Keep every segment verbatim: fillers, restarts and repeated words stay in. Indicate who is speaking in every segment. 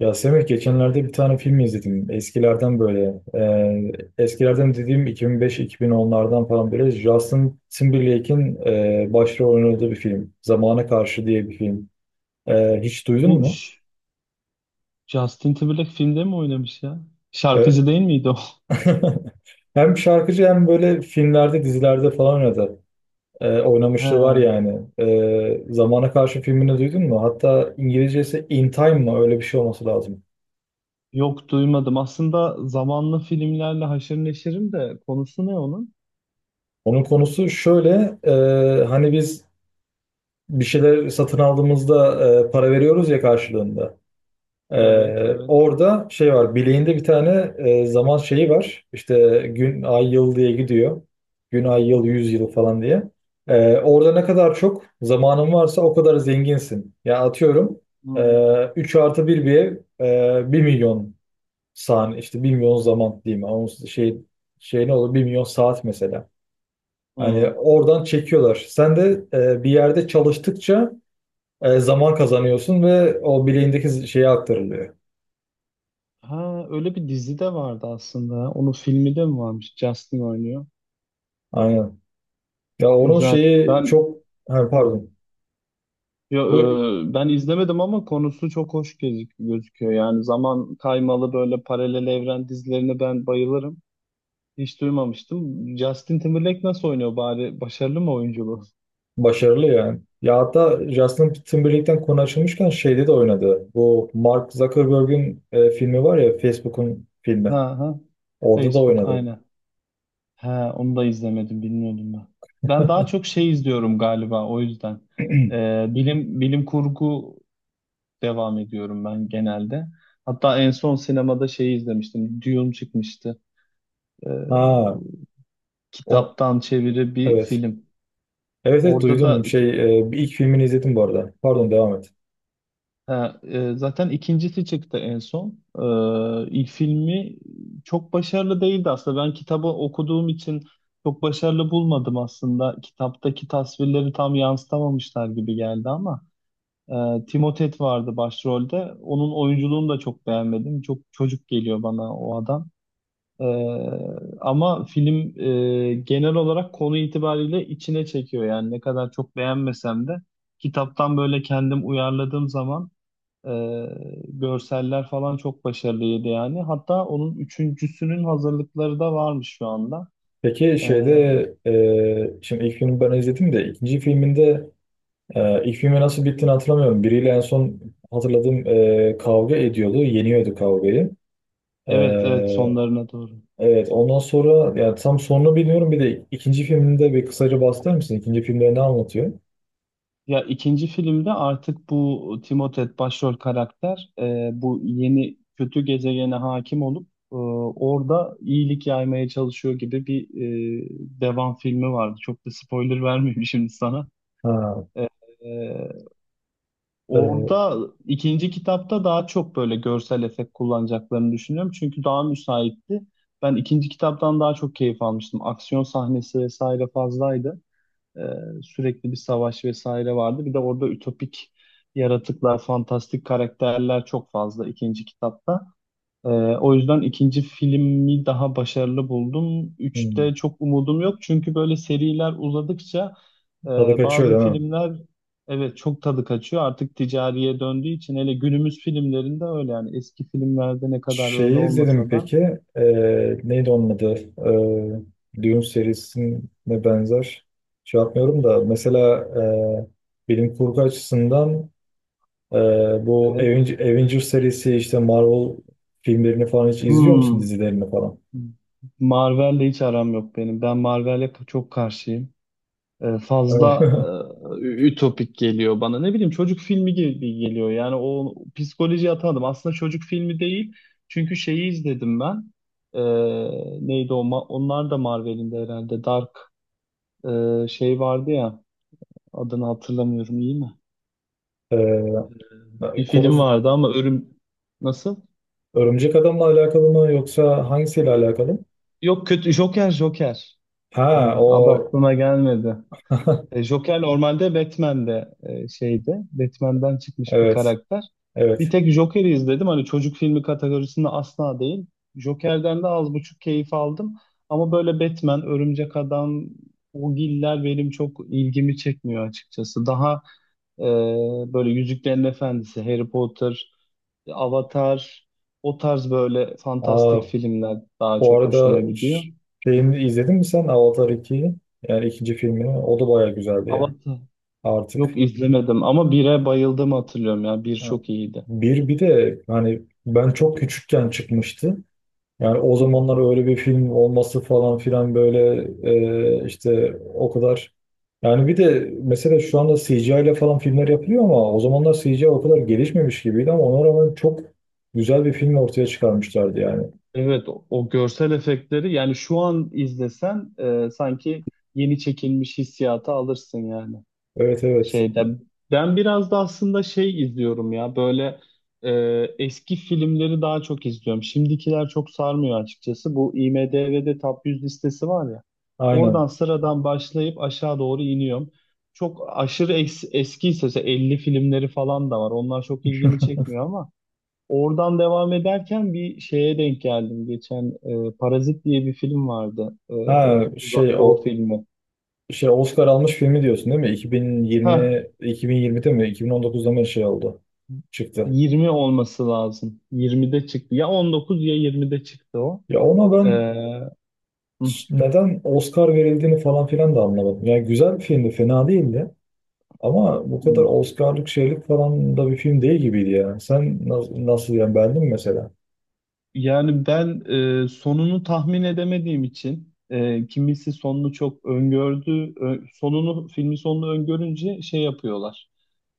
Speaker 1: Ya Semih geçenlerde bir tane film izledim. Eskilerden böyle. E, eskilerden dediğim iki bin beş iki bin onlardan falan böyle Justin Timberlake'in e, başrol oynadığı bir film. Zamana Karşı diye bir film. E, hiç duydun
Speaker 2: Bu
Speaker 1: mu?
Speaker 2: Ş- Justin Timberlake filmde mi oynamış ya?
Speaker 1: E,
Speaker 2: Şarkıcı değil miydi o?
Speaker 1: Hem şarkıcı hem böyle filmlerde, dizilerde falan oynadı. E,
Speaker 2: He,
Speaker 1: oynamışlığı var yani. E, Zamana Karşı filmini duydun mu? Hatta İngilizcesi In Time mı? Öyle bir şey olması lazım.
Speaker 2: yok duymadım. Aslında zamanlı filmlerle haşır neşirim de konusu ne onun?
Speaker 1: Onun konusu şöyle, e, hani biz bir şeyler satın aldığımızda e, para veriyoruz ya karşılığında.
Speaker 2: Evet,
Speaker 1: E,
Speaker 2: evet.
Speaker 1: orada şey var bileğinde bir tane e, zaman şeyi var. İşte gün, ay, yıl diye gidiyor. Gün, ay,
Speaker 2: Hı
Speaker 1: yıl,
Speaker 2: hı.
Speaker 1: yüz yıl falan diye. E, orada ne kadar çok zamanın varsa o kadar zenginsin. Ya atıyorum
Speaker 2: Hmm.
Speaker 1: e, üç artı bir bir ev e, 1 milyon saniye işte bir milyon zaman diyeyim. Ama Onun şey, şey ne olur bir milyon saat mesela. Hani
Speaker 2: Hmm.
Speaker 1: oradan çekiyorlar. Sen de e, bir yerde çalıştıkça e, zaman kazanıyorsun ve o bileğindeki şeye aktarılıyor.
Speaker 2: Ha, öyle bir dizi de vardı aslında. Onun filmi de mi varmış? Justin oynuyor.
Speaker 1: Aynen. Ya onun
Speaker 2: Güzel.
Speaker 1: şeyi
Speaker 2: Ben.
Speaker 1: çok ha,
Speaker 2: Hı.
Speaker 1: pardon.
Speaker 2: Yo,
Speaker 1: Bu
Speaker 2: e, ben izlemedim ama konusu çok hoş gözük- gözüküyor. Yani zaman kaymalı böyle paralel evren dizilerine ben bayılırım. Hiç duymamıştım. Justin Timberlake nasıl oynuyor bari? Başarılı mı oyunculuğu?
Speaker 1: başarılı yani. Ya hatta Justin Timberlake'ten konu açılmışken şeyde de oynadı. Bu Mark Zuckerberg'in e, filmi var ya Facebook'un filmi.
Speaker 2: Ha ha.
Speaker 1: Orada da
Speaker 2: Facebook
Speaker 1: oynadı.
Speaker 2: aynen. Ha, onu da izlemedim, bilmiyordum ben. Ben daha çok şey izliyorum galiba o yüzden. Ee, bilim bilim kurgu devam ediyorum ben genelde. Hatta en son sinemada şeyi izlemiştim. Dune çıkmıştı. Ee,
Speaker 1: Ha, o
Speaker 2: kitaptan çeviri bir
Speaker 1: evet.
Speaker 2: film.
Speaker 1: Evet evet
Speaker 2: Orada da.
Speaker 1: duydum. Şey e, bir ilk filmini izledim bu arada. Pardon devam et.
Speaker 2: Ha, e, zaten ikincisi çıktı en son. Ee, ilk filmi çok başarılı değildi aslında. Ben kitabı okuduğum için çok başarılı bulmadım aslında. Kitaptaki tasvirleri tam yansıtamamışlar gibi geldi ama e, Timothée vardı başrolde. Onun oyunculuğunu da çok beğenmedim. Çok çocuk geliyor bana o adam. Ee, ama film e, genel olarak konu itibariyle içine çekiyor yani, ne kadar çok beğenmesem de kitaptan böyle kendim uyarladığım zaman ee, görseller falan çok başarılıydı yani. Hatta onun üçüncüsünün hazırlıkları da varmış şu anda.
Speaker 1: Peki
Speaker 2: Ee,
Speaker 1: şeyde e, şimdi ilk filmi ben izledim de ikinci filminde. Ee, ilk filmi nasıl bittiğini hatırlamıyorum. Biriyle en son hatırladığım e, kavga ediyordu. Yeniyordu kavgayı. Ee,
Speaker 2: evet evet sonlarına doğru.
Speaker 1: evet ondan sonra yani tam sonunu bilmiyorum. Bir de ikinci filminde bir kısaca bahseder misin? İkinci filmde ne anlatıyor?
Speaker 2: Ya, ikinci filmde artık bu Timothée başrol karakter e, bu yeni kötü gezegene hakim olup e, orada iyilik yaymaya çalışıyor gibi bir e, devam filmi vardı. Çok da spoiler vermeyeyim şimdi sana.
Speaker 1: Ha,
Speaker 2: E,
Speaker 1: e,
Speaker 2: Orada ikinci kitapta daha çok böyle görsel efekt kullanacaklarını düşünüyorum. Çünkü daha müsaitti. Ben ikinci kitaptan daha çok keyif almıştım. Aksiyon sahnesi vesaire fazlaydı. Ee, sürekli bir savaş vesaire vardı. Bir de orada ütopik yaratıklar, fantastik karakterler çok fazla ikinci kitapta. Ee, o yüzden ikinci filmi daha başarılı buldum. Üçte
Speaker 1: hmm,
Speaker 2: çok umudum yok çünkü böyle seriler uzadıkça e,
Speaker 1: tadı kaçıyor
Speaker 2: bazı
Speaker 1: değil mi?
Speaker 2: filmler, evet, çok tadı kaçıyor. Artık ticariye döndüğü için, hele günümüz filmlerinde öyle yani, eski filmlerde ne kadar öyle
Speaker 1: Şeyi izledim
Speaker 2: olmasa da.
Speaker 1: peki. E, Neydi onun adı? E, Dune serisine benzer. Şey yapmıyorum da mesela e, bilim kurgu açısından. Ee, Bu
Speaker 2: Evet.
Speaker 1: Aven- Avengers serisi işte Marvel filmlerini falan hiç izliyor musun
Speaker 2: Hmm.
Speaker 1: dizilerini falan?
Speaker 2: Marvel'le hiç aram yok benim. Ben Marvel'e çok karşıyım. e,
Speaker 1: Öyle
Speaker 2: fazla
Speaker 1: mi?
Speaker 2: e, ütopik geliyor bana. Ne bileyim, çocuk filmi gibi geliyor. Yani o psikolojiye atamadım. Aslında çocuk filmi değil. Çünkü şeyi izledim ben. E, neydi o? Ma- Onlar da Marvel'in de herhalde. Dark e, şey vardı ya. Adını hatırlamıyorum iyi mi? Bir
Speaker 1: Ee,
Speaker 2: film
Speaker 1: Konu
Speaker 2: vardı ama örüm... Nasıl?
Speaker 1: Örümcek Adam'la alakalı mı yoksa hangisiyle alakalı?
Speaker 2: Yok, kötü. Joker, Joker.
Speaker 1: Ha
Speaker 2: E,
Speaker 1: o
Speaker 2: adı aklıma gelmedi. E, Joker normalde Batman'de, e, şeyde, Batman'den çıkmış bir
Speaker 1: evet
Speaker 2: karakter. Bir
Speaker 1: evet.
Speaker 2: tek Joker'i izledim. Hani çocuk filmi kategorisinde asla değil. Joker'den de az buçuk keyif aldım. Ama böyle Batman, Örümcek Adam, o giller benim çok ilgimi çekmiyor açıkçası. Daha e, böyle Yüzüklerin Efendisi, Harry Potter, Avatar, o tarz böyle
Speaker 1: Aa,
Speaker 2: fantastik filmler daha
Speaker 1: bu
Speaker 2: çok hoşuma
Speaker 1: arada
Speaker 2: gidiyor.
Speaker 1: ş- şeyini izledin mi sen Avatar ikiyi? Yani ikinci filmini. O da baya güzeldi yani. Artık
Speaker 2: Yok izlemedim ama bire bayıldım, hatırlıyorum ya. Bir
Speaker 1: ha,
Speaker 2: çok iyiydi.
Speaker 1: bir bir de hani ben çok küçükken çıkmıştı. Yani o
Speaker 2: Hı hı.
Speaker 1: zamanlar öyle bir film olması falan filan böyle e, işte o kadar. Yani bir de mesela şu anda C G I ile falan filmler yapılıyor ama o zamanlar C G I o kadar gelişmemiş gibiydi ama ona rağmen çok güzel bir film ortaya çıkarmışlardı yani.
Speaker 2: Evet, o, o görsel efektleri, yani şu an izlesen e, sanki yeni çekilmiş hissiyatı alırsın yani.
Speaker 1: Evet evet
Speaker 2: Şeyde, ben biraz da aslında şey izliyorum ya, böyle e, eski filmleri daha çok izliyorum. Şimdikiler çok sarmıyor açıkçası. Bu IMDb'de Top yüz listesi var ya.
Speaker 1: aynen.
Speaker 2: Oradan sıradan başlayıp aşağı doğru iniyorum. Çok aşırı es eskiyse mesela elli filmleri falan da var. Onlar çok ilgimi çekmiyor ama oradan devam ederken bir şeye denk geldim. Geçen e, Parazit diye bir film vardı. E,
Speaker 1: Ha
Speaker 2: Uzak
Speaker 1: şey
Speaker 2: Doğu
Speaker 1: o
Speaker 2: filmi.
Speaker 1: şey Oscar almış filmi diyorsun değil mi?
Speaker 2: Heh,
Speaker 1: iki bin yirmi iki bin yirmide mi iki bin on dokuzda mı şey oldu çıktı.
Speaker 2: Yirmi olması lazım. yirmide çıktı. Ya on dokuz ya yirmide çıktı o.
Speaker 1: Ya ona
Speaker 2: Ee,
Speaker 1: ben
Speaker 2: hı.
Speaker 1: neden Oscar verildiğini falan filan da anlamadım. Yani güzel bir filmdi, fena değildi. Ama bu kadar Oscar'lık şeylik falan da bir film değil gibiydi yani. Sen nasıl, nasıl yani beğendin mi mesela?
Speaker 2: Yani ben e, sonunu tahmin edemediğim için, e, kimisi sonunu çok öngördü. Ö- sonunu filmin sonunu öngörünce şey yapıyorlar.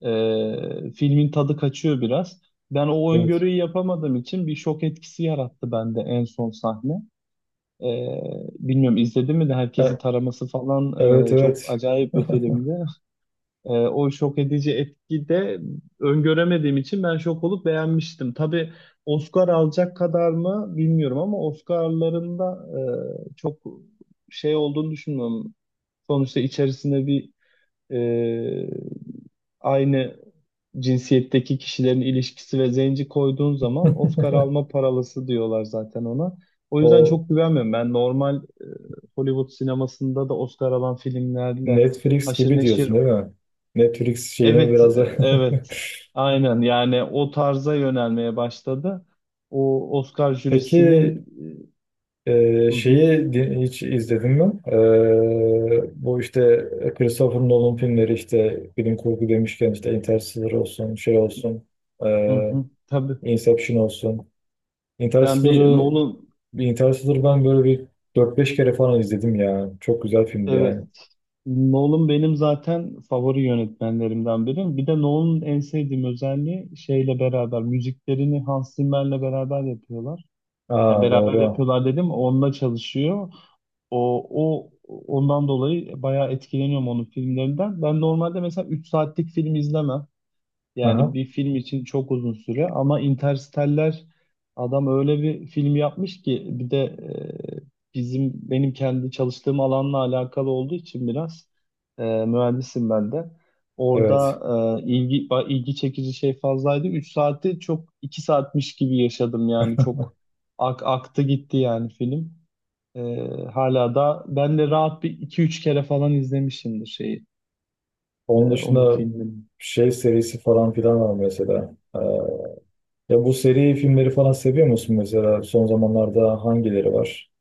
Speaker 2: Ee, filmin tadı kaçıyor biraz. Ben o
Speaker 1: Evet.
Speaker 2: öngörüyü yapamadığım için bir şok etkisi yarattı bende en son sahne. Ee, bilmiyorum, izledim mi de herkesi
Speaker 1: E,
Speaker 2: taraması falan,
Speaker 1: evet
Speaker 2: e, çok
Speaker 1: evet.
Speaker 2: acayip bir filmdi. Ee, o şok edici etki de öngöremediğim için ben şok olup beğenmiştim. Tabii, Oscar alacak kadar mı bilmiyorum ama Oscar'larında e, çok şey olduğunu düşünmüyorum. Sonuçta içerisinde bir e, aynı cinsiyetteki kişilerin ilişkisi ve zenci koyduğun zaman Oscar alma paralısı diyorlar zaten ona. O yüzden
Speaker 1: O
Speaker 2: çok güvenmiyorum. Ben normal e, Hollywood sinemasında da Oscar alan filmlerle
Speaker 1: Netflix
Speaker 2: haşır
Speaker 1: gibi
Speaker 2: neşir.
Speaker 1: diyorsun değil mi? Netflix şeyine
Speaker 2: Evet, e,
Speaker 1: biraz da...
Speaker 2: evet. Aynen yani o tarza yönelmeye başladı. O Oscar
Speaker 1: Peki
Speaker 2: jürisinin
Speaker 1: e,
Speaker 2: e, Hı hı.
Speaker 1: şeyi di- hiç izledin mi? E, bu işte Christopher Nolan filmleri işte bilim kurgu demişken işte Interstellar olsun, şey olsun,
Speaker 2: Hı
Speaker 1: e,
Speaker 2: hı, tabii.
Speaker 1: Inception olsun.
Speaker 2: Ben bir
Speaker 1: Interstellar'ı
Speaker 2: Nolan.
Speaker 1: Bir Interstellar'ı ben böyle bir dört beş kere falan izledim ya. Çok güzel filmdi yani.
Speaker 2: Evet, Nolan benim zaten favori yönetmenlerimden biri. Bir de Nolan'ın en sevdiğim özelliği şeyle beraber müziklerini Hans Zimmer'le beraber yapıyorlar. Ya
Speaker 1: Aa
Speaker 2: beraber
Speaker 1: doğru.
Speaker 2: yapıyorlar dedim, onunla çalışıyor. O, o ondan dolayı bayağı etkileniyorum onun filmlerinden. Ben normalde mesela üç saatlik film izlemem. Yani
Speaker 1: Aha,
Speaker 2: bir film için çok uzun süre, ama Interstellar, adam öyle bir film yapmış ki, bir de e, bizim benim kendi çalıştığım alanla alakalı olduğu için biraz e, mühendisim ben de.
Speaker 1: evet.
Speaker 2: Orada e, ilgi ba- ilgi çekici şey fazlaydı. Üç saati çok, iki saatmiş gibi yaşadım yani, çok ak- aktı gitti yani film. E, hala da ben de rahat bir iki üç kere falan izlemişimdir şeyi, e,
Speaker 1: Onun
Speaker 2: onun
Speaker 1: dışında
Speaker 2: filmini.
Speaker 1: şey serisi falan filan var mesela. Ee, ya bu seri filmleri falan seviyor musun mesela? Son zamanlarda hangileri var?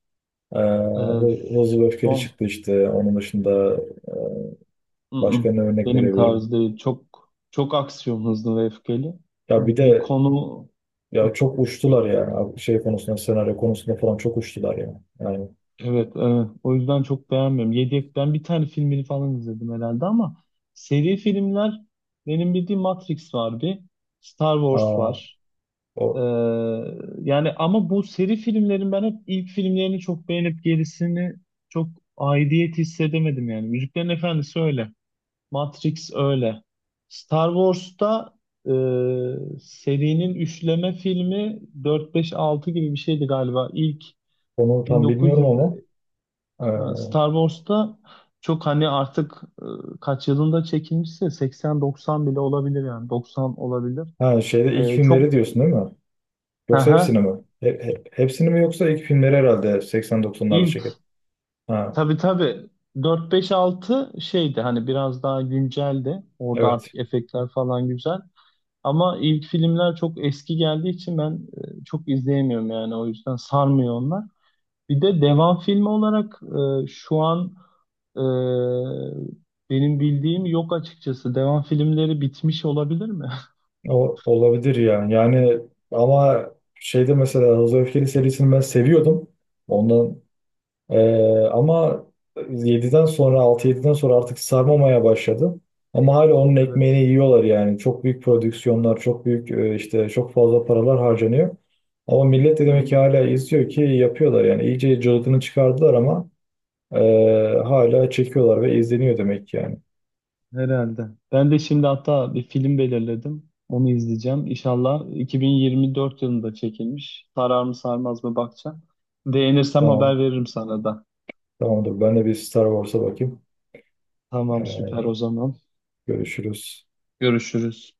Speaker 1: Ee,
Speaker 2: E,
Speaker 1: Hı- Hızlı ve Öfkeli
Speaker 2: son
Speaker 1: çıktı işte. Onun dışında başka
Speaker 2: Mm-mm.
Speaker 1: ne örnek
Speaker 2: Benim
Speaker 1: verebilirim?
Speaker 2: tarzı değil. Çok çok aksiyon, hızlı ve öfkeli.
Speaker 1: Ya bir
Speaker 2: Bir
Speaker 1: de
Speaker 2: konu.
Speaker 1: ya
Speaker 2: Ah.
Speaker 1: çok uçtular ya. Şey konusunda, senaryo konusunda falan çok uçtular ya. Yani.
Speaker 2: Evet, evet. O yüzden çok beğenmiyorum. Yedi, ben bir tane filmini falan izledim herhalde, ama seri filmler benim bildiğim Matrix var bir, Star Wars
Speaker 1: Aa,
Speaker 2: var.
Speaker 1: o,
Speaker 2: Ee, yani ama bu seri filmlerin ben hep ilk filmlerini çok beğenip gerisini çok aidiyet hissedemedim yani. Müziklerin Efendisi öyle. Matrix öyle. Star Wars'ta e, serinin üçleme filmi dört beş altı gibi bir şeydi galiba. İlk
Speaker 1: onu tam bilmiyorum
Speaker 2: bin dokuz yüz
Speaker 1: ama.
Speaker 2: e,
Speaker 1: ee,
Speaker 2: Star Wars'ta çok hani artık, e, kaç yılında çekilmişse seksen doksan bile olabilir yani doksan olabilir.
Speaker 1: Ha şeyde ilk
Speaker 2: E,
Speaker 1: filmleri
Speaker 2: çok
Speaker 1: diyorsun değil mi?
Speaker 2: Hı
Speaker 1: Yoksa hepsini
Speaker 2: hı.
Speaker 1: mi? He- he- hepsini mi yoksa ilk filmleri herhalde seksen doksanlarda
Speaker 2: ilk
Speaker 1: çekildi. Ha
Speaker 2: tabii, tabii, dört beş altı şeydi, hani biraz daha günceldi. Orada
Speaker 1: evet.
Speaker 2: artık efektler falan güzel. Ama ilk filmler çok eski geldiği için ben e, çok izleyemiyorum yani, o yüzden sarmıyor onlar. Bir de devam filmi olarak e, şu an e, benim bildiğim yok açıkçası. Devam filmleri bitmiş olabilir mi?
Speaker 1: O, olabilir yani. Yani ama şeyde mesela Hızlı ve Öfkeli serisini ben seviyordum. Ondan eee, ama yediden sonra altı yediden sonra artık sarmamaya başladı. Ama hala onun ekmeğini
Speaker 2: Evet.
Speaker 1: yiyorlar yani. Çok büyük prodüksiyonlar, çok büyük e, işte çok fazla paralar harcanıyor. Ama millet de
Speaker 2: Hı
Speaker 1: demek
Speaker 2: hı.
Speaker 1: ki hala izliyor ki yapıyorlar yani. İyice cılkını çıkardılar ama Ee, hala çekiyorlar ve izleniyor demek ki yani.
Speaker 2: Herhalde. Ben de şimdi hatta bir film belirledim. Onu izleyeceğim. İnşallah iki bin yirmi dört yılında çekilmiş. Sarar mı sarmaz mı bakacağım. Beğenirsem
Speaker 1: Tamam.
Speaker 2: haber veririm sana da.
Speaker 1: Tamamdır. Ben de bir Star Wars'a bakayım.
Speaker 2: Tamam, süper
Speaker 1: Ee,
Speaker 2: o zaman.
Speaker 1: Görüşürüz.
Speaker 2: Görüşürüz.